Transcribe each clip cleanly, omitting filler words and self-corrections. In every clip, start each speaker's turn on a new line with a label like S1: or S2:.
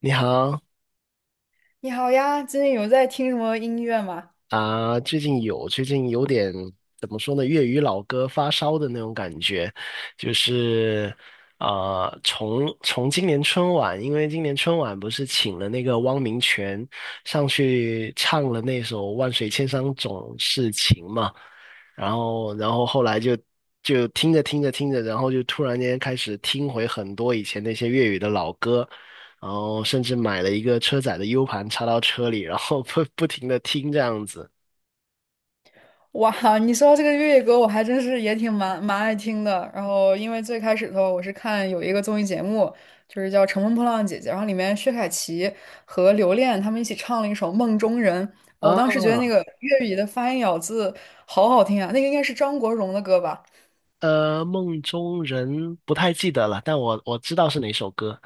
S1: 你好
S2: 你好呀，最近有在听什么音乐吗？
S1: 啊，最近有点怎么说呢？粤语老歌发烧的那种感觉，就是从今年春晚，因为今年春晚不是请了那个汪明荃上去唱了那首《万水千山总是情》嘛，然后后来就听着听着听着，然后就突然间开始听回很多以前那些粤语的老歌。然后甚至买了一个车载的 U 盘插到车里，然后不 不停的听这样子
S2: 哇，你说到这个粤语歌，我还真是也挺蛮爱听的。然后，因为最开始的时候，我是看有一个综艺节目，就是叫《乘风破浪的姐姐》，然后里面薛凯琪和刘恋他们一起唱了一首《梦中人》，哦我当时觉得那
S1: 啊。
S2: 个粤语的发音咬字好好听啊，那个应该是张国荣的歌吧？
S1: 梦中人不太记得了，但我知道是哪首歌。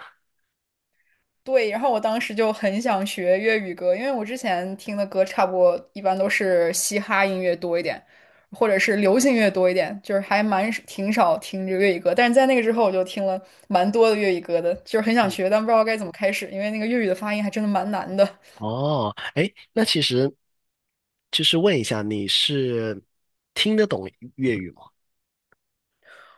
S2: 对，然后我当时就很想学粤语歌，因为我之前听的歌差不多一般都是嘻哈音乐多一点，或者是流行乐多一点，就是还蛮挺少听这个粤语歌。但是在那个之后，我就听了蛮多的粤语歌的，就是很想
S1: 嗯，
S2: 学，但不知道该怎么开始，因为那个粤语的发音还真的蛮难的。
S1: 哦，哎，那其实就是问一下，你是懂粤语吗？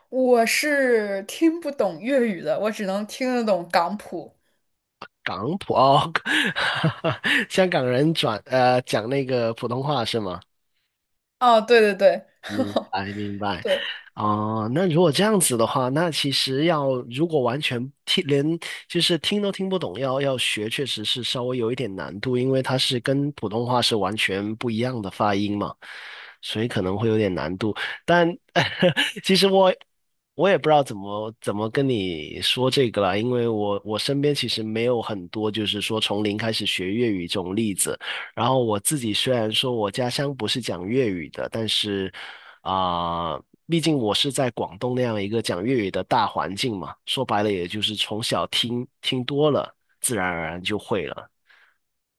S2: 我是听不懂粤语的，我只能听得懂港普。
S1: 港普哦，香港人讲那个普通话是吗？
S2: 哦，对对对，
S1: 明 白明白。
S2: 对。
S1: 哦、那如果这样子的话，那其实要如果完全听连就是听都听不懂，要学确实是稍微有一点难度，因为它是跟普通话是完全不一样的发音嘛，所以可能会有点难度。但 其实我也不知道怎么跟你说这个啦，因为我身边其实没有很多就是说从零开始学粤语这种例子。然后我自己虽然说我家乡不是讲粤语的，但是啊、毕竟我是在广东那样一个讲粤语的大环境嘛，说白了也就是从小听听多了，自然而然就会了。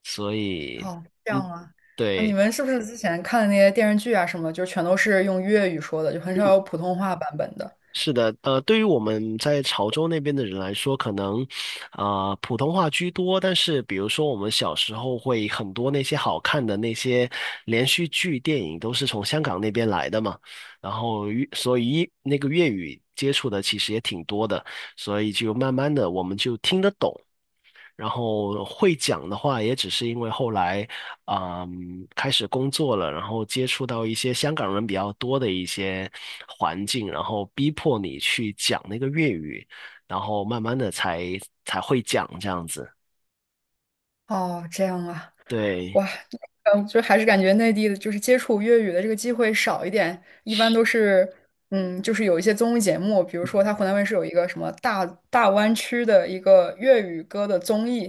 S1: 所以，
S2: 哦，这
S1: 嗯，
S2: 样啊，啊，你
S1: 对，
S2: 们是不是之前看的那些电视剧啊什么，就全都是用粤语说的，就很少有普通话版本的？
S1: 是的。对于我们在潮州那边的人来说，可能，普通话居多。但是，比如说我们小时候会很多那些好看的那些连续剧、电影都是从香港那边来的嘛，然后所以那个粤语接触的其实也挺多的，所以就慢慢的我们就听得懂。然后会讲的话，也只是因为后来，嗯，开始工作了，然后接触到一些香港人比较多的一些环境，然后逼迫你去讲那个粤语，然后慢慢的才会讲这样子。
S2: 哦，这样啊。
S1: 对，
S2: 哇，嗯，就还是感觉内地的，就是接触粤语的这个机会少一点，一般都是，嗯，就是有一些综艺节目，比如说
S1: 嗯
S2: 他湖南卫视有一个什么大湾区的一个粤语歌的综艺，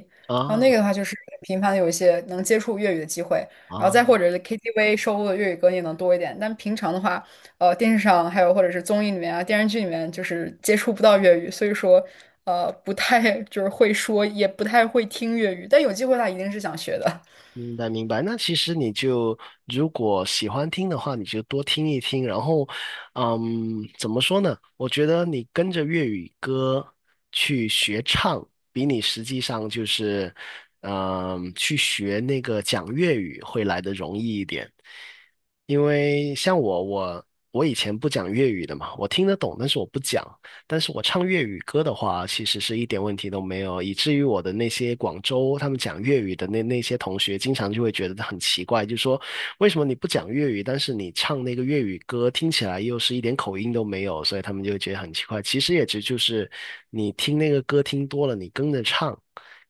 S2: 然后
S1: 啊
S2: 那个的话就是频繁的有一些能接触粤语的机会，然后
S1: 啊，
S2: 再或者是 KTV 收录的粤语歌也能多一点，但平常的话，电视上还有或者是综艺里面啊、电视剧里面就是接触不到粤语，所以说，不太就是会说，也不太会听粤语，但有机会的话一定是想学的。
S1: 明白明白。那其实你就如果喜欢听的话，你就多听一听。然后，嗯，怎么说呢？我觉得你跟着粤语歌，比你实际上就是，去学那个讲粤语会来的容易一点。因为像我，我以前不讲粤语的嘛，我听得懂，但是我不讲。但是我唱粤语歌的话，其实是一点问题都没有，以至于我的那些广州他们讲粤语的那些同学，经常就会觉得很奇怪，就说为什么你不讲粤语，但是你唱那个粤语歌，听起来又是一点口音都没有，所以他们就会觉得很奇怪。其实也只就是你听那个歌听多了，你跟着唱，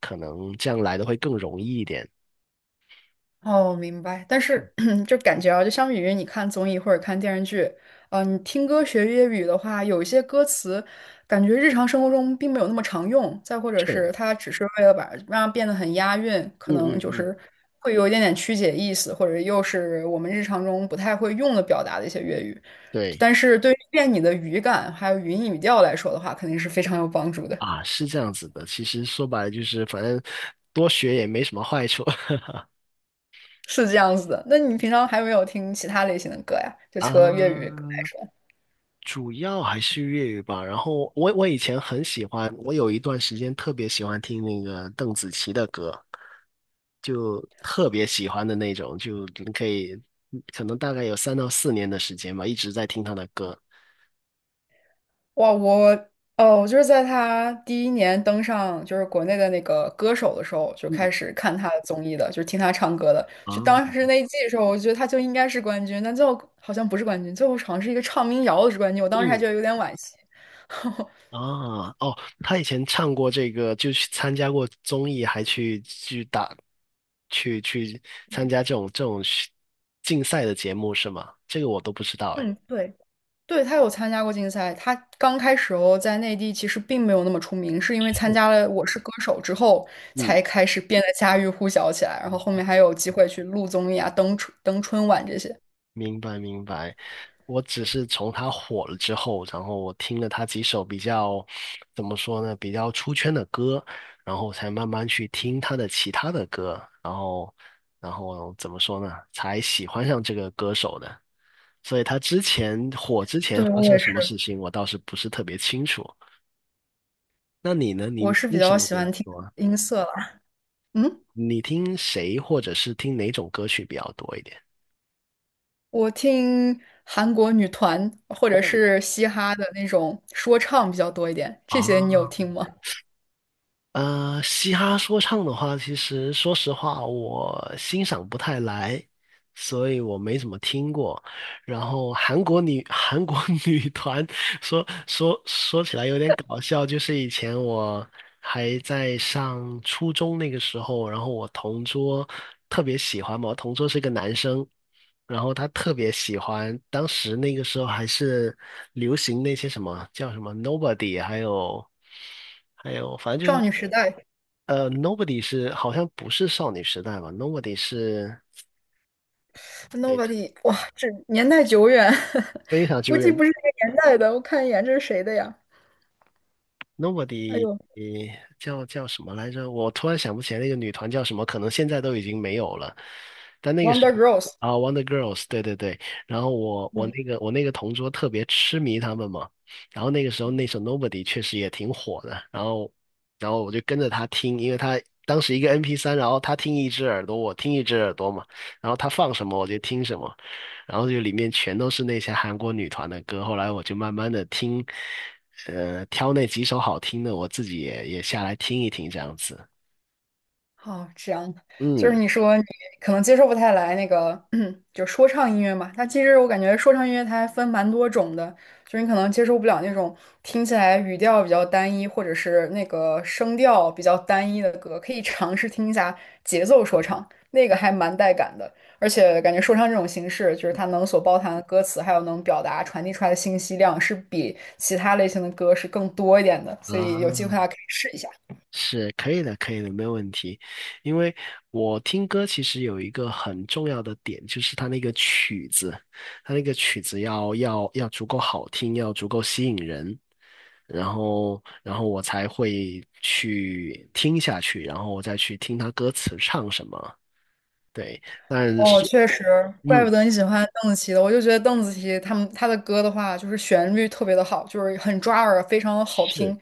S1: 可能这样来的会更容易一点。
S2: 哦，明白。但
S1: 嗯，
S2: 是 就感觉啊，就相比于你看综艺或者看电视剧，嗯，你听歌学粤语的话，有一些歌词感觉日常生活中并没有那么常用，再或者
S1: 是，
S2: 是它只是为了把让它变得很押韵，可
S1: 嗯
S2: 能
S1: 嗯
S2: 就
S1: 嗯，
S2: 是会有一点点曲解意思，或者又是我们日常中不太会用的表达的一些粤语。
S1: 对
S2: 但是对于练你的语感还有语音语调来说的话，肯定是非常有帮助的。
S1: 啊，是这样子的。其实说白了就是，反正多学也没什么坏处
S2: 是这样子的。那你平常还有没有听其他类型的歌呀？就
S1: 啊。
S2: 除了粤语。
S1: 主要还是粤语吧。然后我以前很喜欢，我有一段时间特别喜欢听那个邓紫棋的歌，就特别喜欢的那种。就你可以可能大概有3到4年的时间吧，一直在听她的歌。
S2: 哇，我我就是在他第一年登上就是国内的那个歌手的时候，就
S1: 嗯
S2: 开始看他的综艺的，就是听他唱歌的。就
S1: 啊，
S2: 当时那一季的时候，我觉得他就应该是冠军，但最后好像不是冠军，最后好像是一个唱民谣的是冠军。我当时还
S1: 嗯
S2: 觉得有点惋惜。
S1: 啊，哦，他以前唱过这个，就去参加过综艺，还去打，去参加这种竞赛的节目是吗？这个我都不知道哎。
S2: 嗯，对，对，他有参加过竞赛。他刚开始哦，在内地其实并没有那么出名，是因为参加了《我是歌手》之后，才开始变得家喻户晓起来。然后后面还有机会去录综艺啊、登春晚这些。
S1: 明白明白。我只是从他火了之后，然后我听了他几首比较，怎么说呢，比较出圈的歌，然后才慢慢去听他的其他的歌，然后，然后怎么说呢，才喜欢上这个歌手的。所以他之前火之前
S2: 对，
S1: 发
S2: 我
S1: 生
S2: 也
S1: 什么事
S2: 是。
S1: 情，我倒是不是特别清楚。那你呢？你
S2: 我是比
S1: 听什
S2: 较
S1: 么
S2: 喜
S1: 比
S2: 欢
S1: 较
S2: 听
S1: 多啊？
S2: 音色了。嗯，
S1: 你听谁或者是听哪种歌曲比较多一点？
S2: 我听韩国女团或者
S1: 哦，
S2: 是嘻哈的那种说唱比较多一点，这些你有
S1: 啊。
S2: 听吗？
S1: 嘻哈说唱的话，其实说实话，我欣赏不太来，所以我没怎么听过。然后韩国 女团说起来有点搞笑。就是以前我还在上初中那个时候，然后我同桌特别喜欢嘛，我同桌是个男生，然后他特别喜欢。当时那个时候还是流行那些什么叫什么 Nobody，还有，反正
S2: 少
S1: 就
S2: 女时代
S1: Nobody 是好像不是少女时代吧？Nobody 是诶
S2: ，Nobody，哇，这年代久远，
S1: 非常
S2: 估
S1: 久
S2: 计
S1: 远
S2: 不是这个年代的。我看一眼，这是谁的呀？哎
S1: ，Nobody
S2: 呦
S1: 叫什么来着？我突然想不起来那个女团叫什么，可能现在都已经没有了。但那个时
S2: ，Wonder
S1: 候
S2: Girls，
S1: 啊，Wonder Girls，对对对。然后我我
S2: 嗯。
S1: 那个我那个同桌特别痴迷他们嘛。然后那个时候那首 Nobody 确实也挺火的，然后我就跟着他听。因为他当时一个 MP3，然后他听一只耳朵，我听一只耳朵嘛，然后他放什么我就听什么。然后就里面全都是那些韩国女团的歌。后来我就慢慢的听，挑那几首好听的，我自己也下来听一听这样子。
S2: 哦，这样的，就是
S1: 嗯。
S2: 你说你可能接受不太来那个，就说唱音乐嘛。它其实我感觉说唱音乐它还分蛮多种的，就是你可能接受不了那种听起来语调比较单一，或者是那个声调比较单一的歌，可以尝试听一下节奏说唱，那个还蛮带感的。而且感觉说唱这种形式，就是它能所包含的歌词，还有能表达传递出来的信息量，是比其他类型的歌是更多一点的，所以有机会
S1: 啊，
S2: 大家可以试一下。
S1: 是可以的，可以的，没有问题。因为我听歌其实有一个很重要的点，就是它那个曲子，它那个曲子要足够好听，要足够吸引人，然后我才会去听下去，然后我再去听它歌词唱什么。对，但
S2: 哦，
S1: 是，
S2: 确实，怪不
S1: 嗯，
S2: 得你喜欢邓紫棋的。我就觉得邓紫棋他们他的歌的话，就是旋律特别的好，就是很抓耳，非常的好
S1: 是
S2: 听。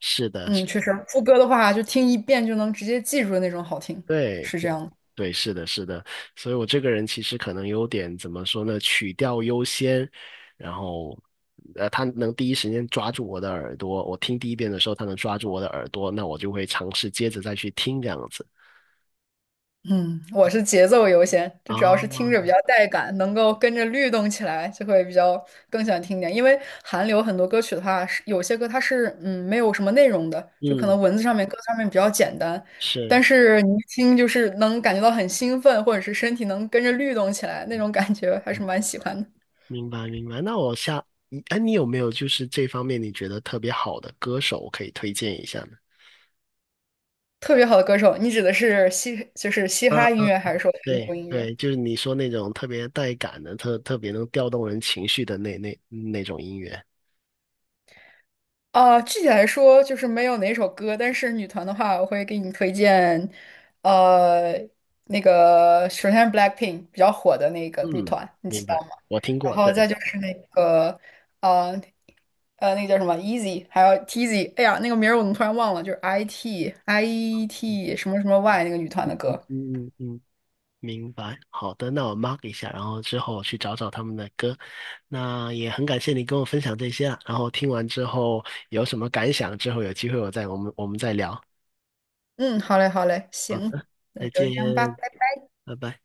S1: 是的，
S2: 嗯，
S1: 是
S2: 确
S1: 的，
S2: 实，副歌的话就听一遍就能直接记住的那种好听，
S1: 对
S2: 是这样的。
S1: 对，是的，是的。所以我这个人其实可能有点怎么说呢，曲调优先。然后，他能第一时间抓住我的耳朵，我听第一遍的时候，他能抓住我的耳朵，那我就会尝试接着再去听这样子
S2: 嗯，我是节奏优先，就主要
S1: 啊，
S2: 是听着比较带感，能够跟着律动起来，就会比较更想听点。因为韩流很多歌曲的话，是有些歌它是嗯没有什么内容的，就可
S1: 嗯，
S2: 能文字上面、歌词上面比较简单，但
S1: 是，
S2: 是你一听就是能感觉到很兴奋，或者是身体能跟着律动起来，那种感觉还是蛮喜欢的。
S1: 明白明白。那我下，哎，你有没有就是这方面你觉得特别好的歌手可以推荐一下呢？
S2: 特别好的歌手，你指的是嘻就是嘻哈音乐，还是说韩
S1: 对
S2: 流音乐？
S1: 对，就是你说那种特别带感的、特别能调动人情绪的那种音乐。
S2: 啊，具体来说就是没有哪首歌，但是女团的话，我会给你推荐，呃，那个首先是 BLACKPINK 比较火的那个女
S1: 嗯，
S2: 团，你
S1: 明
S2: 知道
S1: 白，
S2: 吗？
S1: 我听
S2: 然
S1: 过。
S2: 后再
S1: 对，
S2: 就是那个，呃，那个叫什么 Easy，还有 TZ，哎呀，那个名儿我怎么突然忘了？就是 IT 什么什么 Y 那个女团的
S1: 嗯
S2: 歌。
S1: 嗯嗯，明白。好的，那我 mark 一下，然后之后去找找他们的歌。那也很感谢你跟我分享这些啊，然后听完之后有什么感想，之后有机会我们再聊。
S2: 嗯，好嘞，好嘞，
S1: 好
S2: 行，
S1: 的，
S2: 那
S1: 再
S2: 就
S1: 见，
S2: 这样吧。拜拜。
S1: 拜拜。